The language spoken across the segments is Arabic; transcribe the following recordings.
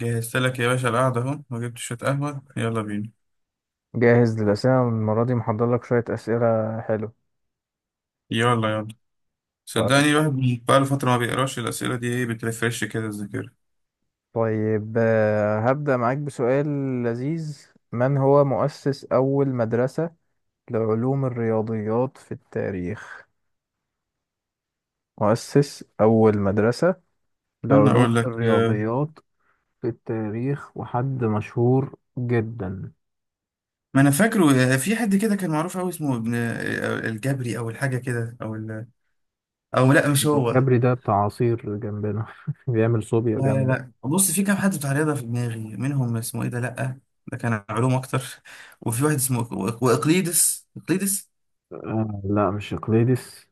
جهزت لك يا باشا، القعدة أهو وجبت شوية قهوة، يلا بينا. جاهز للأسئلة المرة دي محضر لك شوية أسئلة حلو. يلا يلا. طيب صدقني الواحد بقاله فترة ما بيقراش الأسئلة دي. إيه بترفرش كده الذاكرة؟ هبدأ معاك بسؤال لذيذ. من هو مؤسس أول مدرسة لعلوم الرياضيات في التاريخ؟ مؤسس أول مدرسة أنا لعلوم أقول لك. الرياضيات في التاريخ، وحد مشهور جدا. ما أنا فاكره. في حد كده كان معروف أوي اسمه ابن الجبري أو الحاجة كده أو لأ، مش هو. الجبري ده بتاع عصير جنبنا بيعمل صوبيا لا لا جامدة. لا، بص، في كام حد بتاع رياضة في دماغي، منهم اسمه إيه ده؟ لأ، ده كان علوم أكتر. وفي واحد اسمه وإقليدس إقليدس. آه لا، مش اقليدس.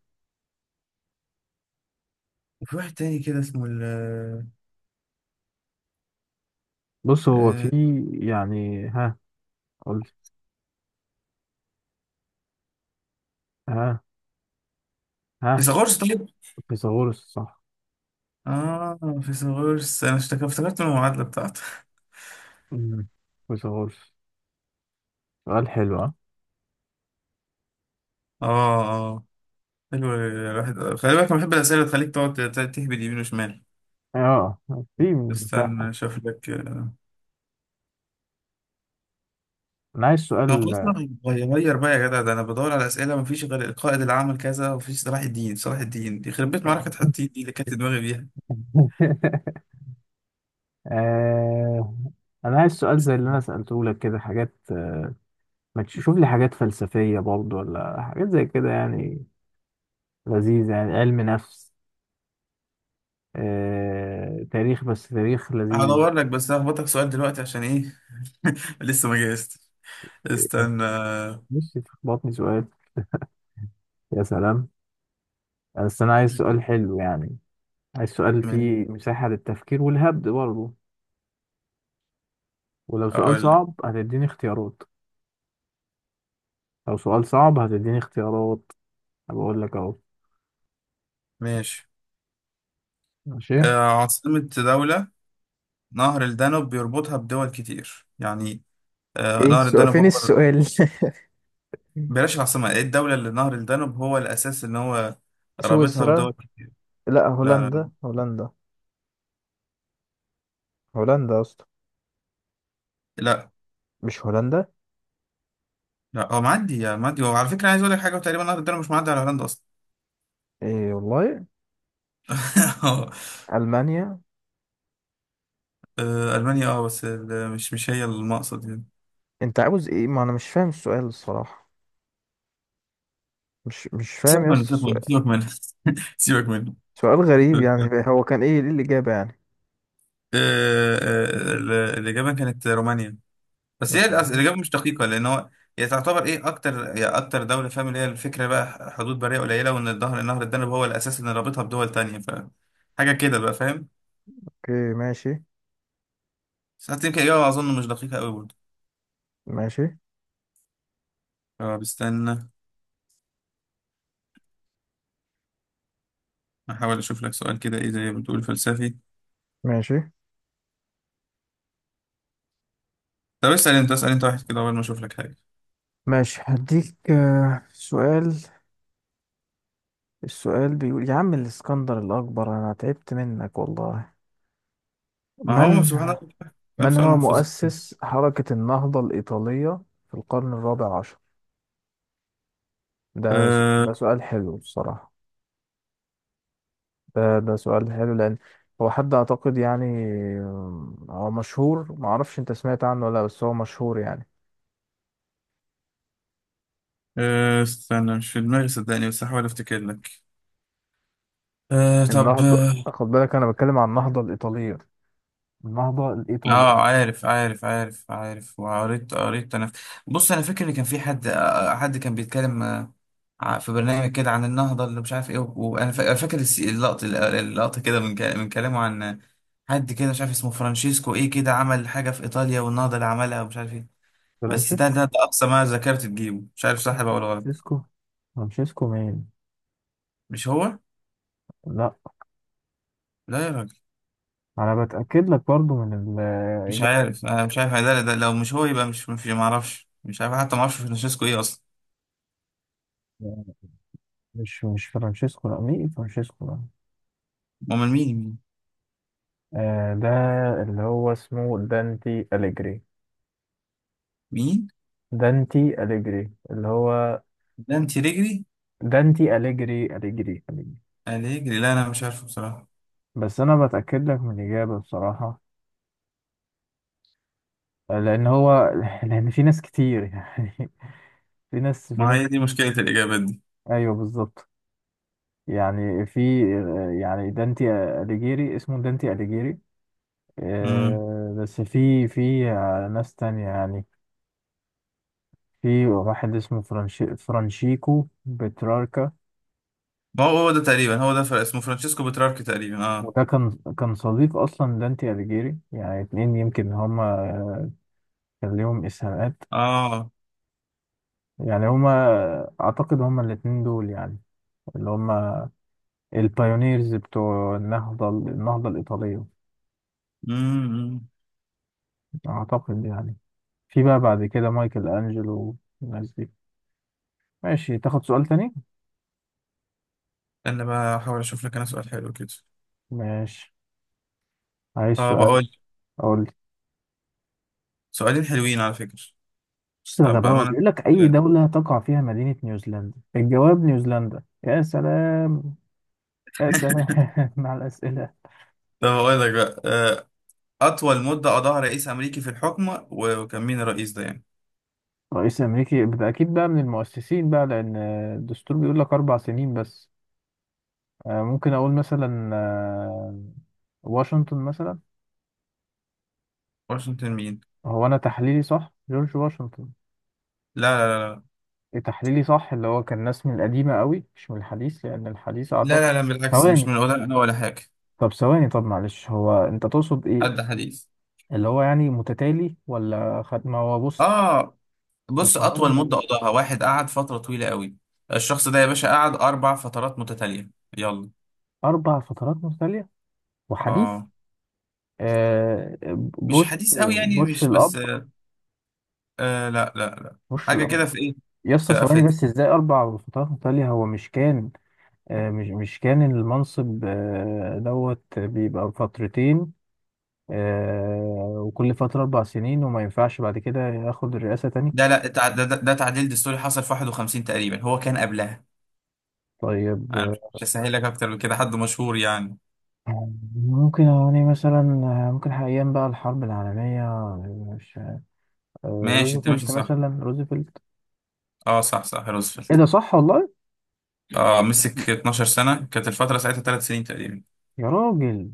وفي واحد تاني كده اسمه ال آه، بص هو في، آه، يعني ها قلت ها ها فيثاغورس. طيب. فيثاغورس، صح. اه، فيثاغورس، افتكرت من المعادله بتاعته. مم. فيثاغورس. سؤال حلو، ها؟ اه اه. حلو. الواحد خلي بالك، انا بحب الاسئله اللي تخليك تقعد تهبد يمين وشمال. اه، في استنى مساحة. اشوف لك. انا عايز طب سؤال. خلاص. أنا غير بقى يا جدع، ده انا بدور على اسئله مفيش غير القائد اللي عمل كذا، ومفيش صلاح الدين. صلاح الدين دي خربت، معركه حطين دي اللي كانت دماغي بيها. آه... انا عايز سؤال زي اللي انا سألته لك، كده حاجات، ما تشوف لي حاجات فلسفية برضو، ولا حاجات زي كده يعني لذيذ، يعني علم نفس، تاريخ، بس تاريخ لذيذ. هدور لك، بس هخبطك سؤال دلوقتي عشان ايه. لسه ما جهزت. استنى. مش تخبطني سؤال؟ يا سلام. بس انا عايز سؤال حلو يعني، عايز سؤال ماشي. فيه مساحة للتفكير والهبد برضو. ولو سؤال اقول لك. صعب هتديني اختيارات، لو سؤال صعب هتديني اختيارات. بقول لك اهو. ماشي. ماشي. عاصمة دولة نهر الدانوب بيربطها بدول كتير يعني. ايه نهر السؤال، الدانوب فين هو... السؤال؟ بلاش العاصمة، ايه الدولة اللي نهر الدانوب هو الأساس إن هو رابطها بدول سويسرا. كتير؟ لا، لا لا لا. هولندا، هولندا. هولندا يا اسطى. لا. مش هولندا؟ لا، هو معدي يا معدي، وعلى فكرة عايز أقول لك حاجة، وتقريبا نهر الدانوب مش معدي على هولندا أصلا. ايه والله. المانيا. ألمانيا، أه، مش هي المقصد يعني. انت عاوز ايه، ما انا مش فاهم السؤال الصراحة. مش فاهم سيبك يا منه، اسطى سيبك منه، السؤال. سيبك منه. سيبك منه. سؤال غريب يعني. آه، هو كان ايه، ايه الإجابة يعني؟ الإجابة كانت رومانيا. بس هي رومانيا. الاجابه مش دقيقه، لان هو هي تعتبر ايه اكتر. هي اكتر دوله، فاهم، اللي هي الفكره بقى حدود بريه قليله، وان النهر الدانوب هو الاساس اللي رابطها بدول تانية، ف حاجه كده بقى، فاهم. اوكي ماشي. بس حتى يمكن اجابه اظن مش دقيقه قوي برضه. ماشي اه بستنى. احاول اشوف لك سؤال كده ايه زي ما بتقول فلسفي. ماشي طب اسال انت، اسال انت واحد كده قبل ما اشوف لك حاجه. ماشي, هديك سؤال. السؤال بيقول يا عم الإسكندر الأكبر، أنا تعبت منك والله. ما هو من، سبحان الله، كام من سؤال هو محفوظ. مؤسس حركة النهضة الإيطالية في القرن الرابع عشر؟ أه ده سؤال حلو الصراحة. ده سؤال حلو، لأن هو حد أعتقد يعني. هو مشهور، معرفش أنت سمعت عنه ولا لأ، بس هو مشهور يعني. أه. استنى، مش في دماغي صدقني، بس هحاول افتكر لك. أه، طب. النهضة، خد بالك أنا بتكلم عن النهضة الإيطالية، النهضة الإيطالي. اه، عارف عارف عارف عارف، وقريت قريت انا. بص انا فاكر ان كان في حد كان في برنامج كده عن النهضه اللي مش عارف ايه، وانا فاكر اللقطه. اللقطه كده من من كلامه عن حد كده مش عارف اسمه فرانشيسكو ايه كده، عمل حاجه في ايطاليا والنهضه اللي عملها، ومش عارف ايه. بس فرانشيسكو. ده اقصى ما ذاكرت تجيبه، مش عارف صح بقى ولا غلط. فرانشيسكو. فرانشيسكو مين؟ مش هو. لا، لا يا راجل. انا بتاكد لك برضو من مش الاجابه. عارف، انا مش عارف، ده لو مش هو يبقى مش ما اعرفش، مش عارف، حتى ما اعرفش فرانشيسكو ايه اصلا. مش فرانشيسكو، لا. مين فرانشيسكو؟ لا. امال مين؟ آه ده، اللي هو اسمه دانتي أليجري. مين؟ دانتي أليجري، اللي هو ده انت رجلي. دانتي أليجري، أليجري. الرجلي، لا انا مش عارفه بصراحه. بس أنا بتأكد لك من الإجابة بصراحة، لأن هو لأن في ناس كتير يعني. في ناس في ما ناس هي دي مشكله الاجابات دي. أيوه بالظبط. يعني في، يعني دانتي أليجيري، اسمه دانتي أليجيري. امم. بس في ناس تانية يعني. في واحد اسمه فرانشيكو بتراركا. ما هو هو ده تقريبا. هو ده، فرق اسمه فرانشيسكو بتراركي تقريبا، اه. وده كان، كان صديق أصلا دانتي أليجيري. يعني اتنين يمكن هما، كان ليهم إسهامات. اه. يعني هما، أعتقد هما الاتنين دول يعني، اللي هما البايونيرز بتوع النهضة، النهضة الإيطالية، امم. أعتقد يعني. في بقى بعد كده مايكل أنجلو والناس دي. ماشي، تاخد سؤال تاني؟ انا بقى احاول اشوف لك انا سؤال حلو كده. ماشي. عايز طب سؤال. اقول لك. أقول. سؤالين حلوين على فكره. بص يا طب غباوة، بامانه، بيقول لك أي بجد. دولة تقع فيها مدينة نيوزيلندا؟ الجواب نيوزيلندا. يا سلام. يا سلام. مع الأسئلة. طب اقول لك بقى، اطول مده قضاها رئيس امريكي في الحكم، وكان مين الرئيس ده يعني؟ رئيس أمريكي ده أكيد بقى من المؤسسين، بقى لأن الدستور بيقول لك أربع سنين بس. ممكن أقول مثلا، واشنطن مثلا. واشنطن مين؟ هو أنا تحليلي صح، جورج واشنطن. لا لا لا. إيه تحليلي صح، اللي هو كان ناس من القديمة قوي، مش من الحديث، لأن الحديث أعتقد. لا، بالعكس، مش ثواني، من، ولا انا ولا حاجه. طب ثواني، طب معلش، هو أنت تقصد إيه؟ حد حديث. اللي هو يعني متتالي، ولا خد، ما هو بص. اه، بص، القانون أطول مدة الأيوبي. قضاها واحد قعد فترة طويلة قوي. الشخص ده يا باشا قعد 4 فترات متتالية. يلا. أربع فترات متتالية وحديث. آه، آه. مش بوش. حديث قوي يعني، بوش مش الأب. بس، آه. آه، لا لا لا، بوش حاجة الأب. كده. في إيه؟ يا اسطى ثواني في بس، إزاي أربع فترات متتالية؟ هو مش كان، مش كان المنصب دوت بيبقى فترتين، آه، وكل فترة أربع سنين، وما ينفعش بعد كده ياخد الرئاسة تاني. ده لا تع- ده, ده, ده تعديل دستوري حصل في 51 تقريبا، هو كان قبلها. طيب. أنا مش هسهل لك أكتر من كده، حد مشهور يعني. آه، ممكن يعني مثلا، ممكن أيام بقى الحرب العالمية، مش، ماشي، أنت ماشي روزفلت صح. مثلا، روزفلت. آه، صح صح، إيه روزفلت. ده صح والله؟ آه، مسك 12 سنة، كانت الفترة ساعتها 3 سنين تقريبا. يا راجل.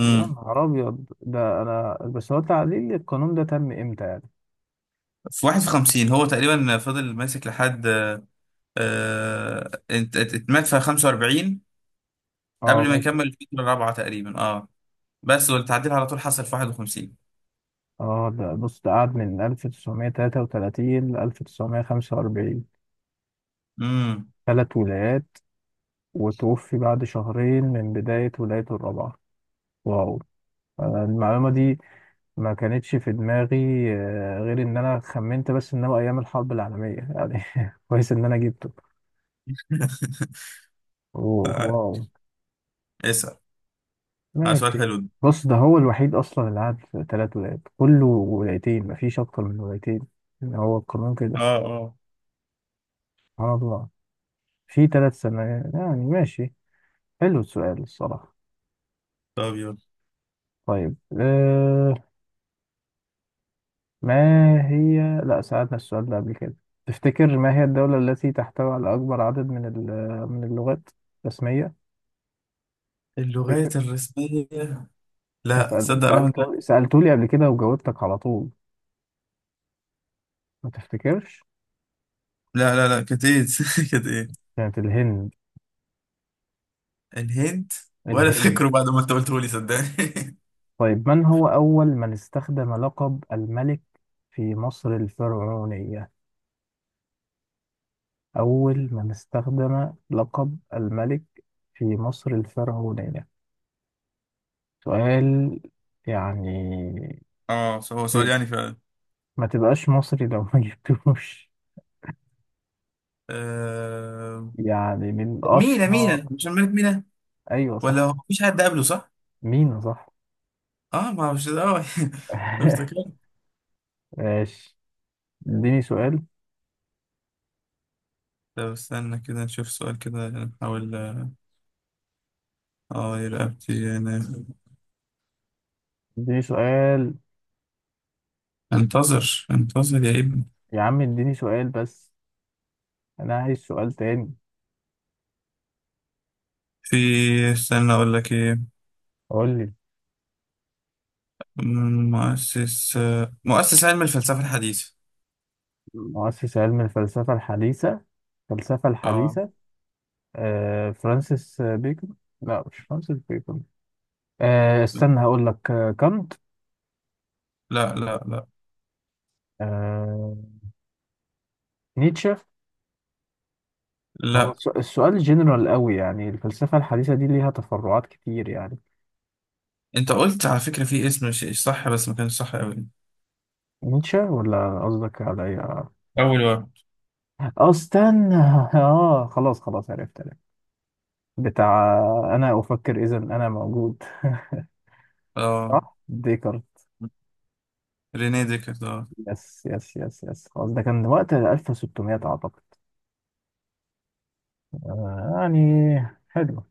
يا نهار ابيض. ده انا بس، هو تعديل القانون ده تم امتى يعني؟ في 51 هو تقريبا فضل ماسك لحد، اتمات في 45 اه قبل ما ماشي. يكمل الفترة الـ4 تقريبا، اه. بس والتعديل على طول حصل في 51. اه ده بص، ده قعد من 1933 ل 1945. امم. ثلاث ولايات. وتوفي بعد شهرين من بداية ولايته الرابعة. واو. أنا المعلومة دي ما كانتش في دماغي، غير ان انا خمنت بس ان هو ايام الحرب العالمية يعني. كويس ان انا جبته. أوه ف- واو. اسأل. سؤال ماشي. حلو ده. بص ده هو الوحيد اصلا اللي قعد في ثلاث ولايات، كله ولايتين، مفيش اكتر من ولايتين، يعني هو القانون اه كده. اه. سبحان الله. في ثلاث سنوات يعني. ماشي، حلو السؤال الصراحة. طب يلا. طيب أه. ما هي، لا، سألنا السؤال ده قبل كده؟ تفتكر ما هي الدولة التي تحتوي على أكبر عدد من اللغات الرسمية؟ تفتكر؟ اللغات الرسمية. لا، صدق رحمة الله. سألته سألتولي قبل كده، وجاوبتك على طول، ما تفتكرش؟ لا لا لا، كانت ايه؟ كانت ايه؟ كانت الهند. الهند. ولا الهند. فاكره بعد ما انت قلته لي صدقني. طيب، من هو أول من استخدم لقب الملك في مصر الفرعونية؟ أول من استخدم لقب الملك في مصر الفرعونية. سؤال يعني، اه، هو سؤال ت- يعني فعلا. ما تبقاش مصري لو ما جبتوش. آه... يعني من مينا. مينا، أشهر. مش الملك مينا. أيوة ولا صح. هو مفيش حد قبله، صح؟ مين صح. اه، ما هو مش اه. افتكرت. ماشي، اديني سؤال. طب استنى كده نشوف سؤال كده نحاول. اه يا رقبتي يعني. اديني سؤال. انتظر انتظر يا ابني. يا عم اديني سؤال بس، أنا عايز سؤال تاني. في. استنى اقول لك ايه. قول لي. مؤسس. مؤسس علم الفلسفة الحديثة. مؤسس علم الفلسفة الحديثة. الفلسفة اه. الحديثة. آه، فرانسيس بيكون. لا، مش فرانسيس بيكون. آه استنى هقول لك، آه كانت، لا لا لا. آه، نيتشه. لا. السؤال جنرال قوي يعني، الفلسفة الحديثة دي ليها تفرعات كتير يعني. انت قلت على فكرة في اسم مش صح، بس ما كانش صح قوي. نيتشه، ولا قصدك على إيه؟ اه. اول واحد. استنى. اه خلاص خلاص، عرفت عرفت. بتاع، انا افكر اذا انا موجود. اه، صح، ديكارت. رينيه ديكارت آه. يس يس يس يس خلاص. ده كان وقت 1600 اعتقد. يعني حلو.